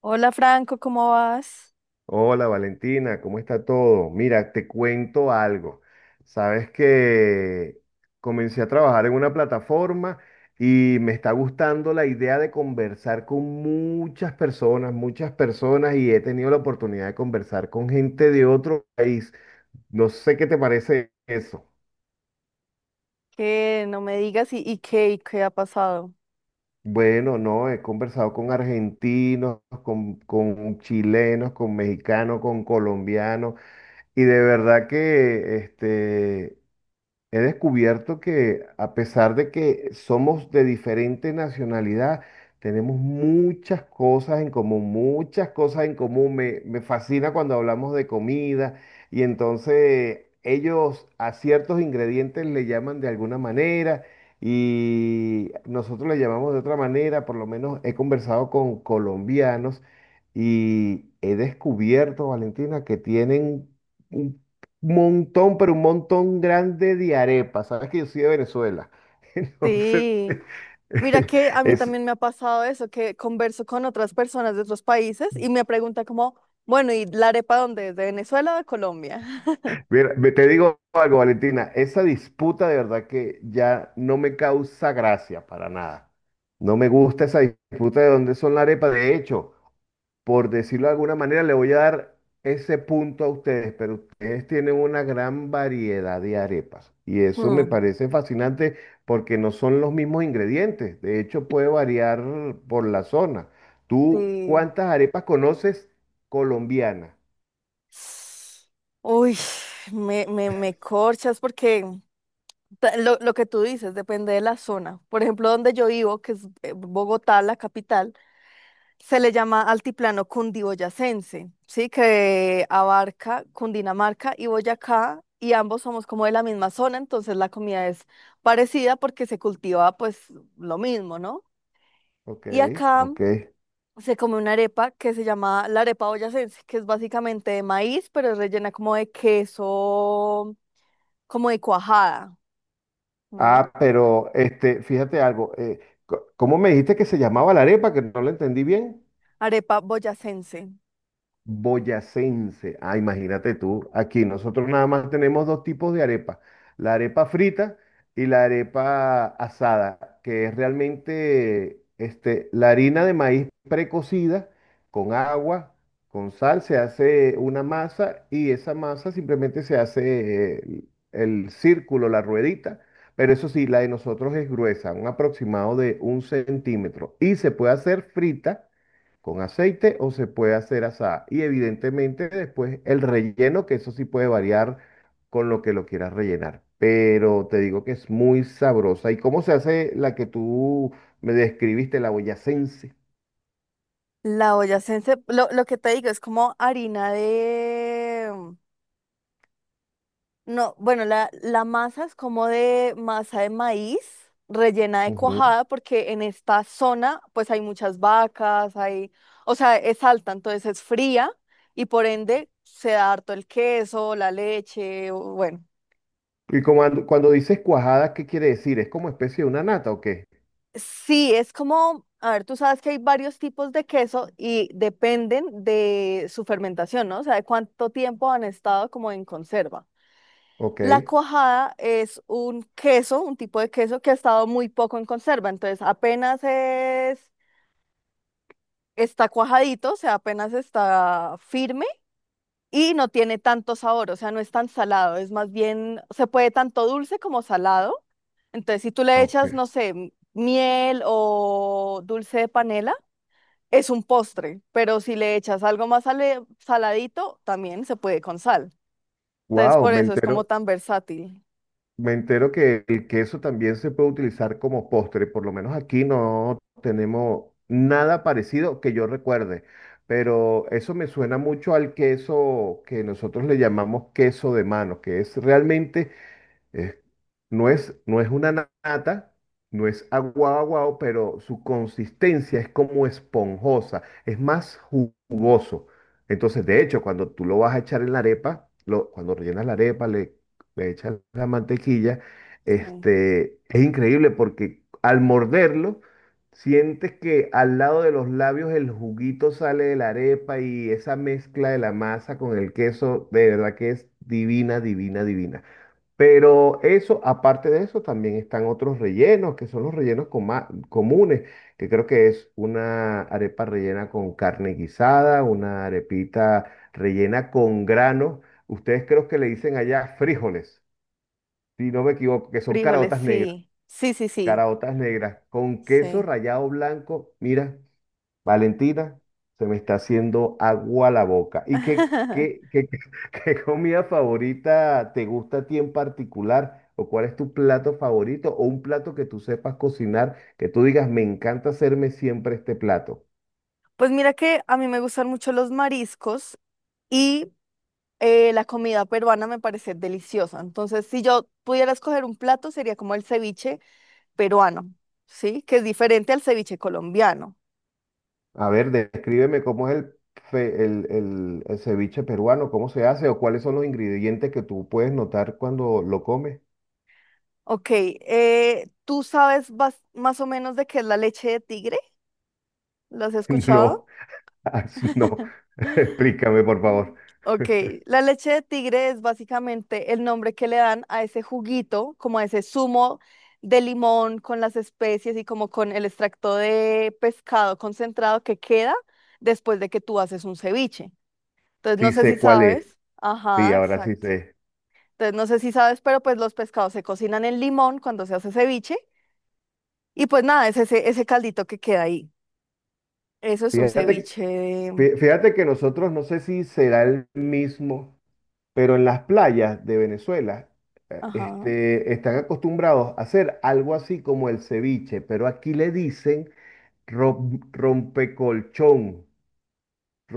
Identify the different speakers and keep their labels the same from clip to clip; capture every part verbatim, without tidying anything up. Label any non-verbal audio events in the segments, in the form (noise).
Speaker 1: Hola Franco, ¿cómo vas?
Speaker 2: Hola Valentina, ¿cómo está todo? Mira, te cuento algo. Sabes que comencé a trabajar en una plataforma y me está gustando la idea de conversar con muchas personas, muchas personas y he tenido la oportunidad de conversar con gente de otro país. No sé qué te parece eso.
Speaker 1: Que no me digas y, y qué y qué ha pasado.
Speaker 2: Bueno, no, he conversado con argentinos, con, con chilenos, con mexicanos, con colombianos. Y de verdad que este, he descubierto que a pesar de que somos de diferente nacionalidad, tenemos muchas cosas en común, muchas cosas en común. Me, me fascina cuando hablamos de comida y entonces ellos a ciertos ingredientes le llaman de alguna manera y nosotros le llamamos de otra manera. Por lo menos he conversado con colombianos y he descubierto, Valentina, que tienen montón, pero un montón grande de arepas. Sabes que yo soy de Venezuela. (laughs) Entonces,
Speaker 1: Sí, mira
Speaker 2: (laughs)
Speaker 1: que a mí
Speaker 2: es,
Speaker 1: también me ha pasado eso, que converso con otras personas de otros países y me pregunta como, bueno, ¿y la arepa dónde es? ¿De Venezuela o de Colombia? (laughs)
Speaker 2: mira, me- te digo algo, Valentina, esa disputa de verdad que ya no me causa gracia para nada. No me gusta esa disputa de dónde son las arepas. De hecho, por decirlo de alguna manera, le voy a dar ese punto a ustedes, pero ustedes tienen una gran variedad de arepas. Y eso me
Speaker 1: Mm,
Speaker 2: parece fascinante porque no son los mismos ingredientes. De hecho, puede variar por la zona. ¿Tú
Speaker 1: sí.
Speaker 2: cuántas arepas conoces colombianas?
Speaker 1: Uy, me, me, me corchas porque ta- lo, lo que tú dices depende de la zona. Por ejemplo, donde yo vivo, que es eh, Bogotá, la capital. Se le llama altiplano cundiboyacense, ¿sí? Que abarca Cundinamarca y Boyacá, y ambos somos como de la misma zona, entonces la comida es parecida porque se cultiva pues lo mismo, ¿no?
Speaker 2: Ok,
Speaker 1: Y acá
Speaker 2: ok.
Speaker 1: se come una arepa que se llama la arepa boyacense, que es básicamente de maíz, pero es rellena como de queso, como de cuajada, ¿m?
Speaker 2: Ah, pero este, fíjate algo. Eh, co- ¿cómo me dijiste que se llamaba la arepa? Que no la entendí bien.
Speaker 1: Arepa boyacense.
Speaker 2: Boyacense. Ah, imagínate tú, aquí nosotros nada más tenemos dos tipos de arepa, la arepa frita y la arepa asada, que es realmente este, la harina de maíz precocida con agua, con sal, se hace una masa y esa masa simplemente se hace eh, el círculo, la ruedita. Pero eso sí, la de nosotros es gruesa, un aproximado de un centímetro. Y se puede hacer frita con aceite o se puede hacer asada. Y evidentemente después el relleno, que eso sí puede variar con lo que lo quieras rellenar. Pero te digo que es muy sabrosa. ¿Y cómo se hace la que tú me describiste, la boyacense?
Speaker 1: La boyacense, lo, lo que te digo, es como harina de... No, bueno, la, la masa es como de masa de maíz rellena de
Speaker 2: Ujú.
Speaker 1: cuajada, porque en esta zona pues hay muchas vacas, hay, o sea, es alta, entonces es fría y por ende se da harto el queso, la leche, o- bueno.
Speaker 2: Y como cuando, cuando dices cuajada, ¿qué quiere decir? ¿Es como especie de una nata o qué?
Speaker 1: Sí, es como, a ver, tú sabes que hay varios tipos de queso y dependen de su fermentación, ¿no? O sea, de cuánto tiempo han estado como en conserva.
Speaker 2: Ok,
Speaker 1: La cuajada es un queso, un tipo de queso que ha estado muy poco en conserva, entonces apenas es, está cuajadito, o sea, apenas está firme y no tiene tanto sabor, o sea, no es tan salado, es más bien, se puede tanto dulce como salado, entonces si tú le echas,
Speaker 2: ok.
Speaker 1: no sé, m- miel o dulce de panela, es un postre, pero si le echas algo más sale- saladito, también se puede con sal, entonces
Speaker 2: Wow,
Speaker 1: por
Speaker 2: me
Speaker 1: eso es como
Speaker 2: entero.
Speaker 1: tan versátil.
Speaker 2: Me entero que el queso también se puede utilizar como postre, por lo menos aquí no tenemos nada parecido que yo recuerde, pero eso me suena mucho al queso que nosotros le llamamos queso de mano, que es realmente es- no es, no es una na- nata, no es aguado aguado, pero su consistencia es como esponjosa, es más ju- jugoso. Entonces, de hecho, cuando tú lo vas a echar en la arepa, lo- cuando rellenas la arepa, le, le echas la mantequilla,
Speaker 1: Sí.
Speaker 2: este, es increíble porque al morderlo, sientes que al lado de los labios el juguito sale de la arepa y esa mezcla de la masa con el queso, de verdad que es divina, divina, divina. Pero eso, aparte de eso, también están otros rellenos, que son los rellenos coma- comunes, que creo que es una arepa rellena con carne guisada, una arepita rellena con granos. Ustedes creo que le dicen allá frijoles, si no me equivoco, que son
Speaker 1: Frijoles,
Speaker 2: caraotas negras,
Speaker 1: sí. Sí, sí, sí.
Speaker 2: caraotas negras, con queso
Speaker 1: Sí.
Speaker 2: rallado blanco. Mira. Valentina, se me está haciendo agua la boca. ¿Y qué, qué,
Speaker 1: (laughs)
Speaker 2: qué, (laughs) qué comida favorita te gusta a ti en particular? ¿O cuál es tu plato favorito? ¿O un plato que tú sepas cocinar, que tú digas, me encanta hacerme siempre este plato?
Speaker 1: Pues mira que a mí me gustan mucho los mariscos y eh, la comida peruana me parece deliciosa. Entonces, si yo pudiera escoger un plato, sería como el ceviche peruano, ¿sí? Que es diferente al ceviche colombiano.
Speaker 2: A ver, descríbeme cómo es el, fe- el, el, el ceviche peruano, cómo se hace o cuáles son los ingredientes que tú puedes notar cuando lo comes.
Speaker 1: Ok, eh, ¿tú sabes bas- más o menos de qué es la leche de tigre? ¿Lo has
Speaker 2: (laughs)
Speaker 1: escuchado?
Speaker 2: No, (laughs)
Speaker 1: (laughs)
Speaker 2: no, (laughs) explícame por favor.
Speaker 1: Ok, la leche de tigre es básicamente el nombre que le dan a ese juguito, como a ese zumo de limón con las especies y como con el extracto de pescado concentrado que queda después de que tú haces un ceviche. Entonces, no
Speaker 2: Sí
Speaker 1: sé si
Speaker 2: sé cuál es.
Speaker 1: sabes.
Speaker 2: Sí,
Speaker 1: Ajá,
Speaker 2: ahora sí
Speaker 1: exacto.
Speaker 2: sé.
Speaker 1: Entonces, no sé si sabes, pero pues los pescados se cocinan en limón cuando se hace ceviche y pues nada, es ese, ese caldito que queda ahí. Eso es un
Speaker 2: Fíjate
Speaker 1: ceviche de...
Speaker 2: Fí- Fíjate que nosotros, no sé si será el mismo, pero en las playas de Venezuela, eh,
Speaker 1: Ajá,
Speaker 2: este, están acostumbrados a hacer algo así como el ceviche, pero aquí le dicen rom- rompecolchón.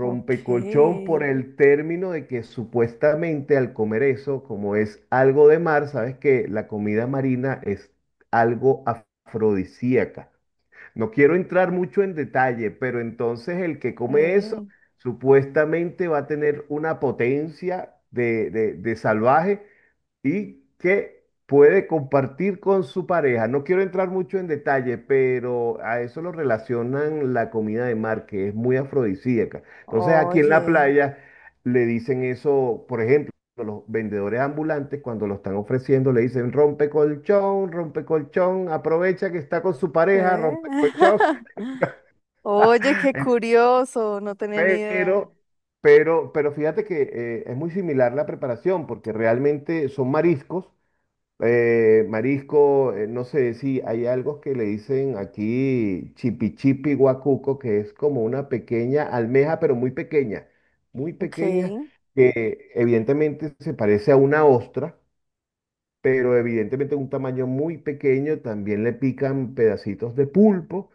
Speaker 1: ok.
Speaker 2: por
Speaker 1: Eh.
Speaker 2: el término de que supuestamente al comer eso, como es algo de mar, sabes que la comida marina es algo afrodisíaca. No quiero entrar mucho en detalle, pero entonces el que come eso supuestamente va a tener una potencia de, de- de salvaje y que puede compartir con su pareja. No quiero entrar mucho en detalle, pero a eso lo relacionan la comida de mar, que es muy afrodisíaca. Entonces aquí en la
Speaker 1: Oye.
Speaker 2: playa le dicen eso, por ejemplo, los vendedores ambulantes cuando lo están ofreciendo le dicen rompe colchón, rompe colchón, aprovecha que está con su pareja,
Speaker 1: ¿Eh?
Speaker 2: rompe colchón.
Speaker 1: (laughs) Oye, qué
Speaker 2: (laughs)
Speaker 1: curioso, no tenía ni idea.
Speaker 2: Pero... Pero, pero fíjate que eh, es muy similar la preparación, porque realmente son mariscos, eh, marisco, eh, no sé si hay algo que le dicen aquí chipi chipi guacuco, que es como una pequeña almeja, pero muy pequeña, muy
Speaker 1: Ok,
Speaker 2: pequeña, que evidentemente se parece a una ostra pero evidentemente un tamaño muy pequeño, también le pican pedacitos de pulpo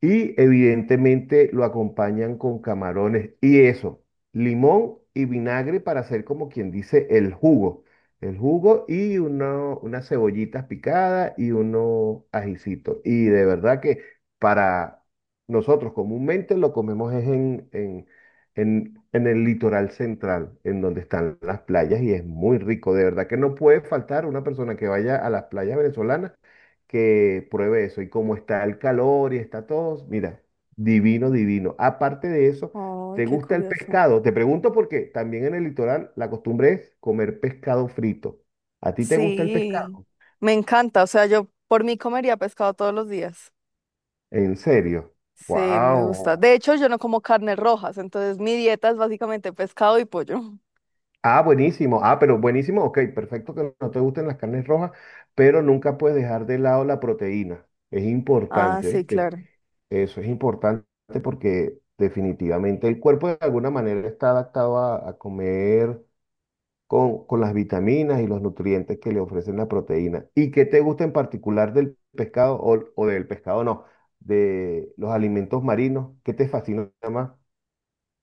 Speaker 2: y evidentemente lo acompañan con camarones y eso, limón y vinagre para hacer como quien dice el jugo, el jugo y uno- unas cebollitas picadas y unos ajicitos. Y de verdad que para nosotros comúnmente lo comemos es en, en en, en el litoral central, en donde están las playas, y es muy rico. De verdad que no puede faltar una persona que vaya a las playas venezolanas que pruebe eso. Y como está el calor y está todo, mira, divino, divino. Aparte de eso,
Speaker 1: ay,
Speaker 2: ¿te
Speaker 1: qué
Speaker 2: gusta el
Speaker 1: curioso.
Speaker 2: pescado? Te pregunto porque también en el litoral la costumbre es comer pescado frito. ¿A ti te gusta el
Speaker 1: Sí,
Speaker 2: pescado?
Speaker 1: me encanta, o sea, yo por mí comería pescado todos los días.
Speaker 2: ¿En serio?
Speaker 1: Sí, me gusta.
Speaker 2: ¡Wow!
Speaker 1: De hecho, yo no como carnes rojas, entonces mi dieta es básicamente pescado y pollo. (laughs)
Speaker 2: Ah, buenísimo. Ah, pero buenísimo. Ok, perfecto que no te gusten las carnes rojas, pero nunca puedes dejar de lado la proteína. Es
Speaker 1: Ah,
Speaker 2: importante,
Speaker 1: sí,
Speaker 2: ¿viste?
Speaker 1: claro.
Speaker 2: Eso es importante porque definitivamente el cuerpo de alguna manera está adaptado a, a comer con, con las vitaminas y los nutrientes que le ofrecen la proteína. ¿Y qué te gusta en particular del pescado o, o del pescado no? De los alimentos marinos, ¿qué te fascina más?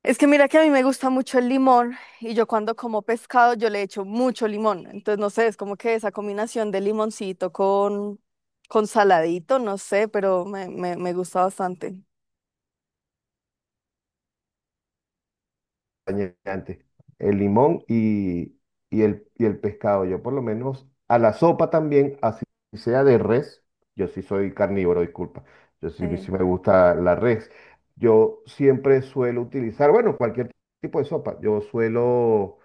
Speaker 1: Es que mira que a mí me gusta mucho el limón y yo cuando como pescado yo le echo mucho limón. Entonces, no sé, es como que esa combinación de limoncito con, con saladito, no sé, pero me, me, me gusta bastante.
Speaker 2: Acompañante, el limón y, y el, y el pescado. Yo por lo menos a la sopa también, así sea de res, yo sí soy carnívoro, disculpa, yo sí, me-
Speaker 1: Sí.
Speaker 2: sí me gusta la res. Yo siempre suelo utilizar, bueno, cualquier tipo de sopa, yo suelo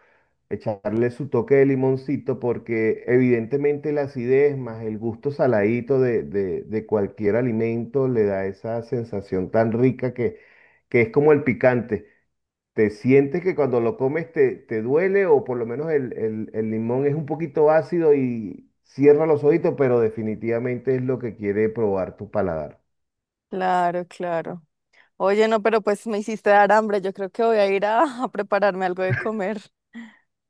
Speaker 2: echarle su toque de limoncito porque evidentemente la acidez más el gusto saladito de, de, de cualquier alimento le da esa sensación tan rica que, que es como el picante. ¿Te sientes que cuando lo comes te, te duele o por lo menos el, el- el limón es un poquito ácido y cierra los ojitos, pero definitivamente es lo que quiere probar tu paladar?
Speaker 1: Claro, claro. Oye, no, pero pues me hiciste dar hambre. Yo creo que voy a ir a, (laughs) a prepararme algo de comer.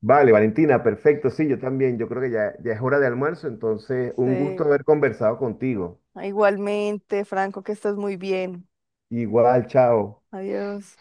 Speaker 2: Vale, Valentina, perfecto. Sí, yo también. Yo creo que ya, ya es hora de almuerzo, entonces un gusto
Speaker 1: Sí.
Speaker 2: haber conversado contigo.
Speaker 1: Igualmente, Franco, que estés muy bien.
Speaker 2: Igual, chao.
Speaker 1: Adiós.